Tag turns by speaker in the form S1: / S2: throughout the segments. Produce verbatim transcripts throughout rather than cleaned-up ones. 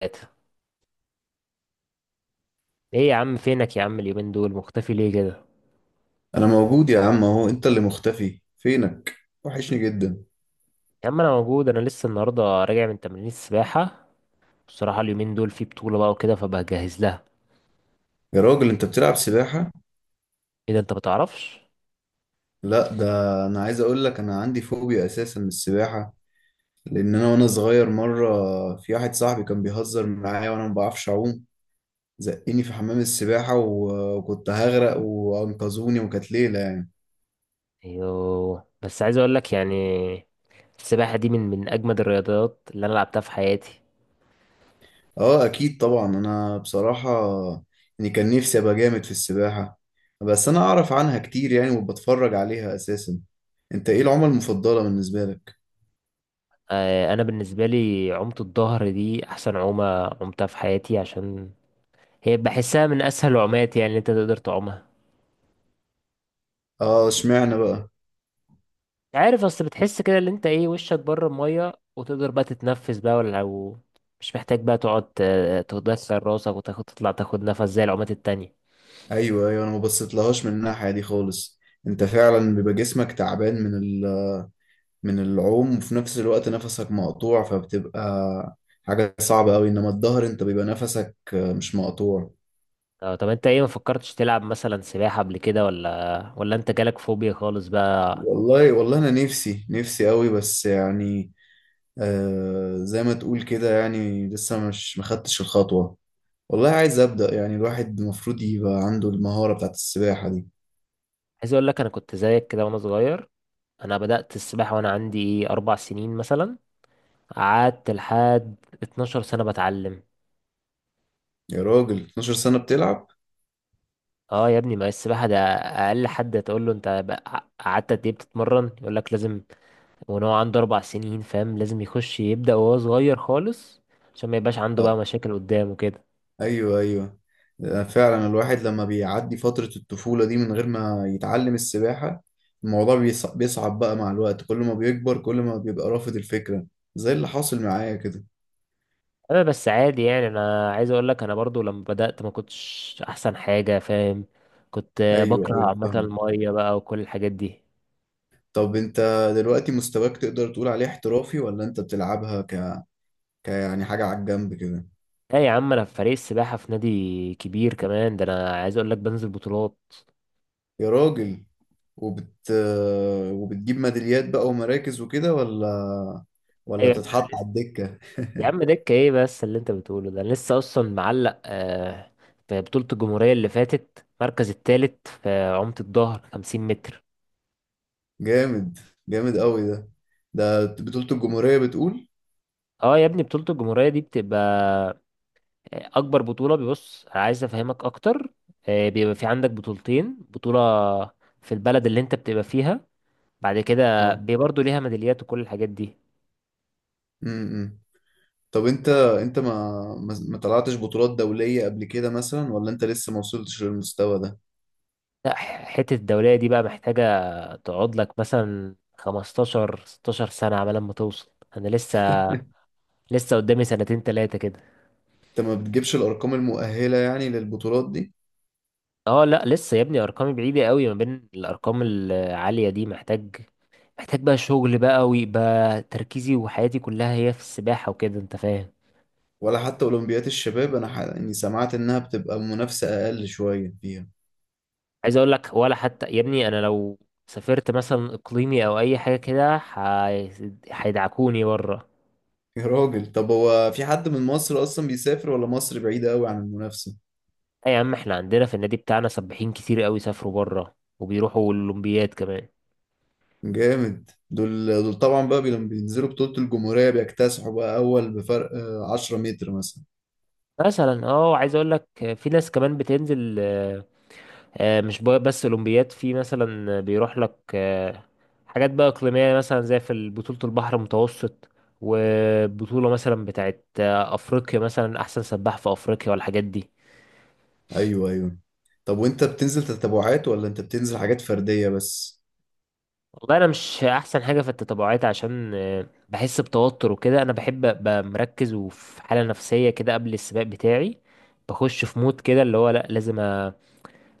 S1: ثلاثة. ايه يا عم، فينك يا عم؟ اليومين دول مختفي ليه كده؟
S2: انا موجود يا عم اهو، انت اللي مختفي فينك. وحشني جدا.
S1: يا عم انا موجود، انا لسه النهارده راجع من تمرين السباحة. بصراحة اليومين دول في بطولة بقى وكده فبجهز لها.
S2: يا راجل انت بتلعب سباحة؟
S1: ايه ده، انت بتعرفش؟
S2: لا ده انا عايز اقول لك، انا عندي فوبيا اساسا من السباحة، لان انا وانا صغير مرة في واحد صاحبي كان بيهزر معايا وانا ما بعرفش اعوم، زقني في حمام السباحة و- وكنت هغرق وانقذوني، وكانت ليلة يعني.
S1: ايوه، بس عايز اقول لك يعني السباحة دي من من اجمد الرياضات اللي انا لعبتها في حياتي.
S2: اه اكيد طبعا، انا بصراحة يعني كان نفسي ابقى جامد في السباحة، بس انا اعرف عنها كتير يعني وبتفرج عليها اساسا. انت ايه العمى المفضلة بالنسبة لك؟
S1: آه، انا بالنسبة لي عومة الظهر دي احسن عومة عمتها في حياتي، عشان هي بحسها من اسهل العومات، يعني اللي انت تقدر تعومها.
S2: اه، اشمعنى بقى؟
S1: عارف، اصل بتحس كده اللي انت ايه وشك بره الميه وتقدر بقى تتنفس بقى، ولا لو مش محتاج بقى تقعد ت- تدخل راسك وتاخد تطلع تاخد نفس زي العومات التانية.
S2: ايوه ايوه، انا ما بصيتلهاش من الناحيه دي خالص. انت فعلا بيبقى جسمك تعبان من ال... من العوم، وفي نفس الوقت نفسك مقطوع، فبتبقى حاجه صعبه قوي. انما الظهر انت بيبقى نفسك آه، مش مقطوع.
S1: اه، طب انت ايه ما فكرتش تلعب مثلا سباحة قبل كده؟ ولا ولا انت جالك فوبيا خالص بقى؟
S2: والله والله انا نفسي نفسي قوي، بس يعني آه زي ما تقول كده، يعني لسه مش مخدتش الخطوه. والله عايز ابدا، يعني الواحد المفروض يبقى عنده المهاره بتاعت السباحه دي.
S1: عايز اقول لك انا كنت زيك كده وانا صغير. انا بدأت السباحة وانا عندي ايه اربع سنين مثلا، قعدت لحد 12 سنة بتعلم.
S2: يا راجل اتناشر سنه بتلعب؟
S1: اه يا ابني، ما السباحة ده اقل حد تقول له انت بقى- قعدت قد ايه بتتمرن يقول لك لازم، وان هو عنده اربع سنين، فاهم؟ لازم يخش يبدأ وهو صغير خالص عشان ما يبقاش عنده بقى مشاكل قدام وكده.
S2: ايوه ايوه. آه، فعلا الواحد لما بيعدي فترة الطفولة دي من غير ما يتعلم السباحة، الموضوع بيص- بيصعب بقى مع الوقت. كل ما بيكبر كل ما بيبقى رافض الفكرة، زي اللي حاصل معايا كده.
S1: انا بس عادي يعني، انا عايز اقول لك انا برضو لما بدأت ما كنتش احسن حاجة، فاهم؟ كنت آه،
S2: ايوه
S1: بكره
S2: ايوه،
S1: عامة
S2: فاهم.
S1: المية بقى وكل الحاجات دي.
S2: طب انت دلوقتي مستواك تقدر تقول عليه احترافي، ولا انت بتلعبها ك... ك يعني حاجة على الجنب كده؟
S1: لا يا عم، انا في فريق السباحة في نادي كبير كمان، ده انا عايز اقول لك بنزل بطولات.
S2: يا راجل، وبت وبتجيب ميداليات بقى ومراكز وكده، ولا ولا
S1: ايوه يا عم
S2: بتتحط
S1: انا لسه،
S2: على الدكة؟
S1: يا عم دكة ايه بس اللي انت بتقوله ده، انا لسه اصلا معلق آه، في بطولة الجمهورية اللي فاتت المركز التالت في عمت الظهر 50 متر.
S2: جامد. جامد قوي ده. ده بطولة الجمهورية بتقول؟
S1: اه يا ابني، بطولة الجمهورية دي بتبقى آه، أكبر بطولة. بيبص، عايز أفهمك أكتر، آه، بيبقى في عندك بطولتين، بطولة في البلد اللي أنت بتبقى فيها، بعد كده
S2: اه.
S1: بي- برضه ليها ميداليات وكل الحاجات دي.
S2: امم. طب انت انت ما ما ما طلعتش بطولات دولية قبل كده مثلا، ولا انت لسه ما وصلتش للمستوى ده؟
S1: لا، ح- حتة الدولية دي بقى محتاجة تقعد لك مثلا خمستاشر 16 سنة على ما توصل. أنا لسه، لسه قدامي سنتين تلاتة كده.
S2: انت ما بتجيبش الارقام المؤهلة يعني للبطولات دي؟
S1: اه، لا لسه يا ابني، أرقامي بعيدة قوي ما بين الأرقام العالية دي. محتاج، محتاج بقى شغل بقى، ويبقى تركيزي وحياتي كلها هي في السباحة وكده، انت فاهم.
S2: ولا حتى اولمبيات الشباب؟ انا ح... يعني سمعت انها بتبقى منافسة اقل شوية فيها.
S1: عايز اقول لك ولا حتى يا ابني، انا لو سافرت مثلا اقليمي او اي حاجة كده هي- هيدعكوني بره.
S2: يا راجل، طب هو في حد من مصر اصلا بيسافر، ولا مصر بعيدة قوي عن المنافسة؟
S1: اي يا عم، احنا عندنا في النادي بتاعنا سباحين كتير قوي سافروا بره وبيروحوا الاولمبياد كمان.
S2: جامد. دول دول طبعا بقى بي- لما بينزلوا بطولة الجمهورية بيكتسحوا بقى، اول بفرق آه، عشرة متر مثلا.
S1: مثلا اه، عايز اقول لك في ناس كمان بتنزل آه، مش بقى- بس اولمبياد، في مثلا بيروح لك آه، حاجات بقى اقليميه، مثلا زي في بطوله البحر المتوسط، وبطوله مثلا بتاعت آه، افريقيا، مثلا احسن سباح في افريقيا والحاجات دي.
S2: ايوه ايوه. طب وانت بتنزل تتابعات، ولا انت بتنزل حاجات فردية بس؟
S1: والله انا مش احسن حاجه في التتابعات، عشان آه، بحس بتوتر وكده. انا بحب ابقى مركز وفي حاله نفسيه كده قبل السباق بتاعي. بخش في مود كده اللي هو لا، لازم أ...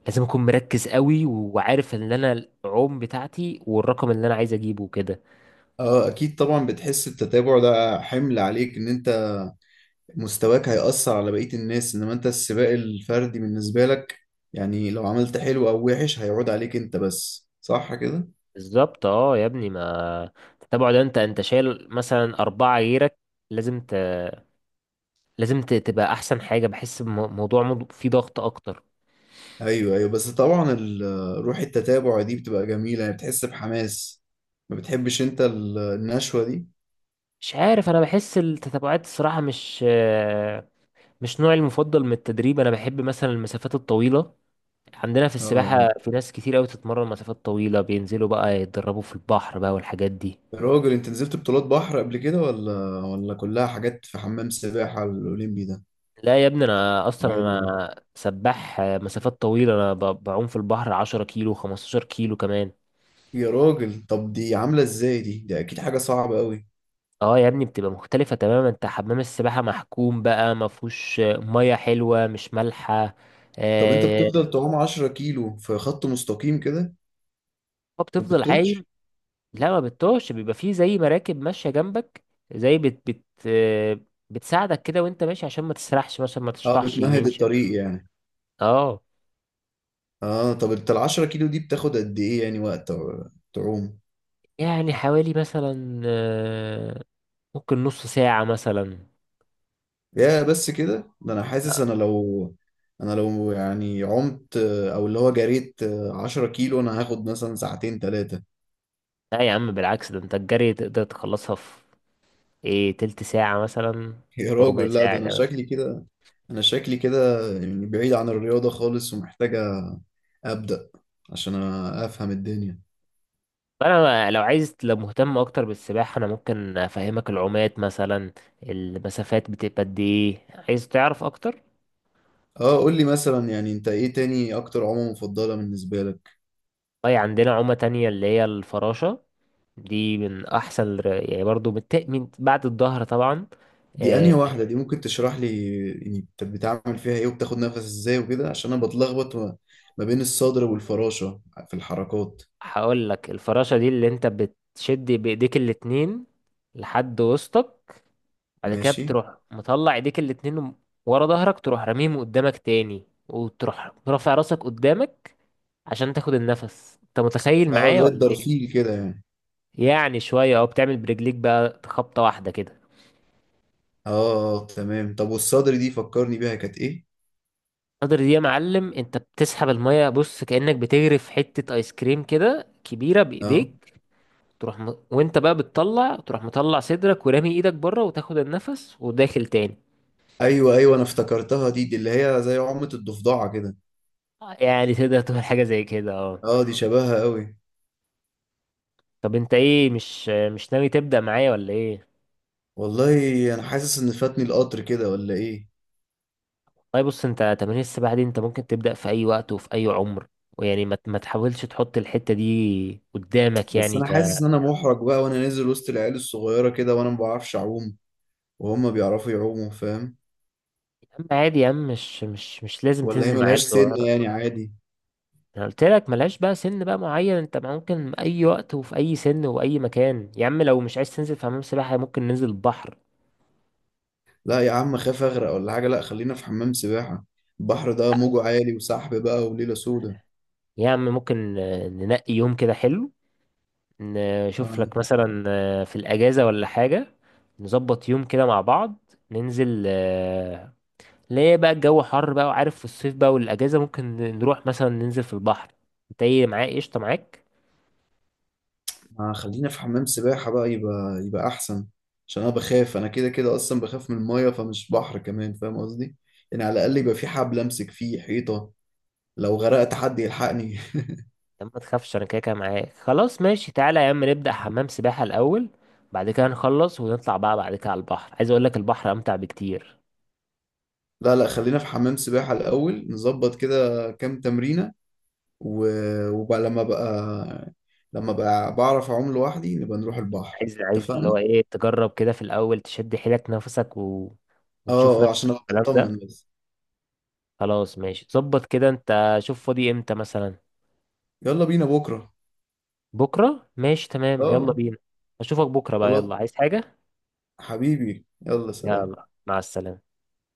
S1: لازم اكون مركز قوي وعارف ان انا العوم بتاعتي والرقم اللي انا عايز اجيبه كده.
S2: اه اكيد طبعا، بتحس التتابع ده حمل عليك، ان انت مستواك هيأثر على بقية الناس. انما انت السباق الفردي بالنسبة لك، يعني لو عملت حلو او وحش هيعود عليك انت بس، صح كده؟
S1: بالظبط اه يا ابني، ما التتابع ده انت انت شايل مثلا اربعة غيرك، لازم ت... لازم ت... تبقى احسن حاجة. بحس بموضوع، مض- فيه ضغط اكتر.
S2: ايوه ايوه، بس طبعا ال- آه، روح التتابع دي بتبقى جميلة، يعني بتحس بحماس. ما بتحبش انت ال- النشوة دي؟
S1: مش عارف، انا بحس التتابعات الصراحة مش آه، مش نوعي المفضل من التدريب. انا بحب مثلا المسافات الطويلة. عندنا في
S2: اه.
S1: السباحة
S2: آه.
S1: في ناس كتير قوي تتمرن مسافات طويلة، بينزلوا بقى يتدربوا في البحر بقى والحاجات دي.
S2: يا راجل، انت نزلت بطولات بحر قبل كده، ولا ولا كلها حاجات في حمام سباحة الأولمبي ده؟
S1: لا يا ابني، انا اصلا
S2: عادي يعني.
S1: انا سباح آه، مسافات طويلة. انا ب- بعوم في البحر 10 كيلو 15 كيلو كمان.
S2: يا راجل، طب دي عاملة ازاي دي؟ ده اكيد حاجة صعبة قوي.
S1: اه يا ابني بتبقى مختلفة تماما. انت حمام السباحة محكوم بقى، ما فيهوش مية حلوة مش مالحة.
S2: طب انت
S1: آه.
S2: بتفضل تعوم عشرة كيلو في خط مستقيم كده؟
S1: هو
S2: ما
S1: بتفضل عايم.
S2: بتتوهش؟
S1: لا ما بتطوش، بيبقى فيه زي مراكب ماشية جنبك، زي بت بت آه، بتساعدك كده وانت ماشي عشان ما تسرحش مثلا، ما
S2: اه،
S1: تشطحش
S2: بتمهد
S1: يمين شمال.
S2: الطريق يعني.
S1: اه،
S2: اه، طب انت ال عشرة كيلو دي بتاخد قد ايه يعني وقت تعوم؟
S1: يعني حوالي مثلا آه، ممكن نص ساعة مثلا.
S2: يا بس كده؟ ده انا حاسس
S1: لا
S2: انا لو، انا لو يعني عمت، او اللي هو جريت عشرة كيلو، انا هاخد مثلا ساعتين ثلاثة.
S1: لا يا عم بالعكس، ده انت الجري تقدر تخلصها في ايه تلت ساعة مثلا
S2: يا
S1: وربع
S2: راجل لا، ده
S1: ساعة
S2: انا
S1: كمان.
S2: شكلي كده، انا شكلي كده يعني بعيد عن الرياضة خالص، ومحتاجة ابدأ عشان افهم الدنيا.
S1: فانا لو عايز، لو مهتم اكتر بالسباحه انا ممكن افهمك العومات، مثلا المسافات بتبقى قد ايه، عايز تعرف اكتر؟
S2: اه قول لي مثلا، يعني انت ايه تاني اكتر عمى مفضلة بالنسبة لك؟
S1: طيب عندنا عومه تانية اللي هي الفراشه. دي من احسن الر- يعني، برضو بت... من بعد الظهر طبعا.
S2: دي انهي
S1: أه،
S2: واحدة دي؟ ممكن تشرح لي يعني انت بتعمل فيها ايه، وبتاخد نفس ازاي وكده؟ عشان انا بتلخبط ما ما بين الصدر والفراشة في الحركات.
S1: هقول لك، الفراشه دي اللي انت بتشد بايديك الاتنين لحد وسطك، بعد كده
S2: ماشي.
S1: بتروح مطلع ايديك الاتنين ورا ظهرك، تروح راميهم قدامك تاني وتروح رافع راسك قدامك عشان تاخد النفس. انت متخيل
S2: اه،
S1: معايا
S2: زي
S1: ولا ايه؟
S2: الدرفيل كده يعني.
S1: يعني شويه اهو، بتعمل برجليك بقى خبطه واحده كده.
S2: اه. آه، تمام. طب والصدر دي فكرني بيها كانت ايه؟
S1: القدر دي يا معلم، انت بتسحب الميه، بص كأنك بتغرف حته ايس كريم كده كبيره
S2: اه.
S1: بايديك، تروح م... وانت بقى بتطلع تروح مطلع صدرك ورامي ايدك بره وتاخد النفس وداخل تاني.
S2: ايوه ايوه، انا افتكرتها دي دي اللي هي زي عمة الضفدعة كده.
S1: يعني تقدر تعمل حاجه زي كده، اه.
S2: اه، دي شبهها قوي.
S1: طب انت ايه، مش مش ناوي تبدأ معايا ولا ايه؟
S2: والله انا حاسس ان فاتني القطر كده، ولا ايه؟
S1: طيب بص، انت تمارين السباحة دي انت ممكن تبدأ في اي وقت وفي اي عمر، ويعني ما ما تحاولش تحط الحتة دي قدامك
S2: بس
S1: يعني
S2: انا
S1: ك يا
S2: حاسس ان انا محرج بقى، وانا نازل وسط العيال الصغيرة كده وانا ما بعرفش اعوم، وهم بيعرفوا يعوموا، فاهم؟
S1: عم. عادي يا عم، مش مش مش لازم
S2: ولا هي
S1: تنزل مع عيال
S2: ملهاش سن
S1: صغيرة.
S2: يعني؟ عادي؟
S1: انا قلت لك ملهاش بقى سن بقى معين، انت ممكن اي وقت وفي اي سن وأي مكان يا عم. لو مش عايز تنزل في حمام سباحة ممكن ننزل البحر.
S2: لا يا عم، خاف اغرق ولا حاجة. لا، خلينا في حمام سباحة. البحر ده موجه عالي وسحب بقى وليلة سودة.
S1: يا عم ممكن آه، ننقي يوم كده حلو، نشوف لك
S2: آه.
S1: مثلا آه، في الأجازة ولا حاجة، نظبط يوم كده مع بعض ننزل. ليه بقى الجو حر بقى وعارف في الصيف بقى والاجازه، ممكن نروح مثلا ننزل في البحر. انت ايه معايا، قشطه معاك؟
S2: ما خلينا في حمام سباحة بقى، يبقى يبقى أحسن، عشان أنا بخاف. أنا كده كده أصلا بخاف من المية، فمش بحر كمان، فاهم قصدي؟ يعني على الأقل يبقى في حبل أمسك فيه، حيطة لو غرقت حد يلحقني.
S1: لا ما تخافش، انا كده كده معاك خلاص ماشي. تعالى يا عم نبدا حمام سباحه الاول، بعد كده نخلص ونطلع بقى بعد كده على البحر. عايز اقول لك البحر امتع بكتير.
S2: لا لا، خلينا في حمام سباحة الأول. نظبط كده كام تمرينة و... وبقى لما بقى لما بقى بعرف أعوم لوحدي، نبقى نروح البحر،
S1: عايز، عايز اللي
S2: اتفقنا؟
S1: هو ايه، تجرب كده في الاول تشد حيلك نفسك و...
S2: اه.
S1: وتشوف
S2: آه، عشان
S1: نفسك
S2: أبقى
S1: الكلام
S2: أطمن
S1: ده.
S2: بس.
S1: خلاص ماشي، ظبط كده، انت شوف فاضي امتى مثلا.
S2: يلا بينا بكرة.
S1: بكره ماشي تمام، يلا
S2: اه.
S1: بينا. اشوفك بكره بقى،
S2: خلاص.
S1: يلا. عايز حاجه؟
S2: حبيبي، يلا سلام.
S1: يلا مع السلامه.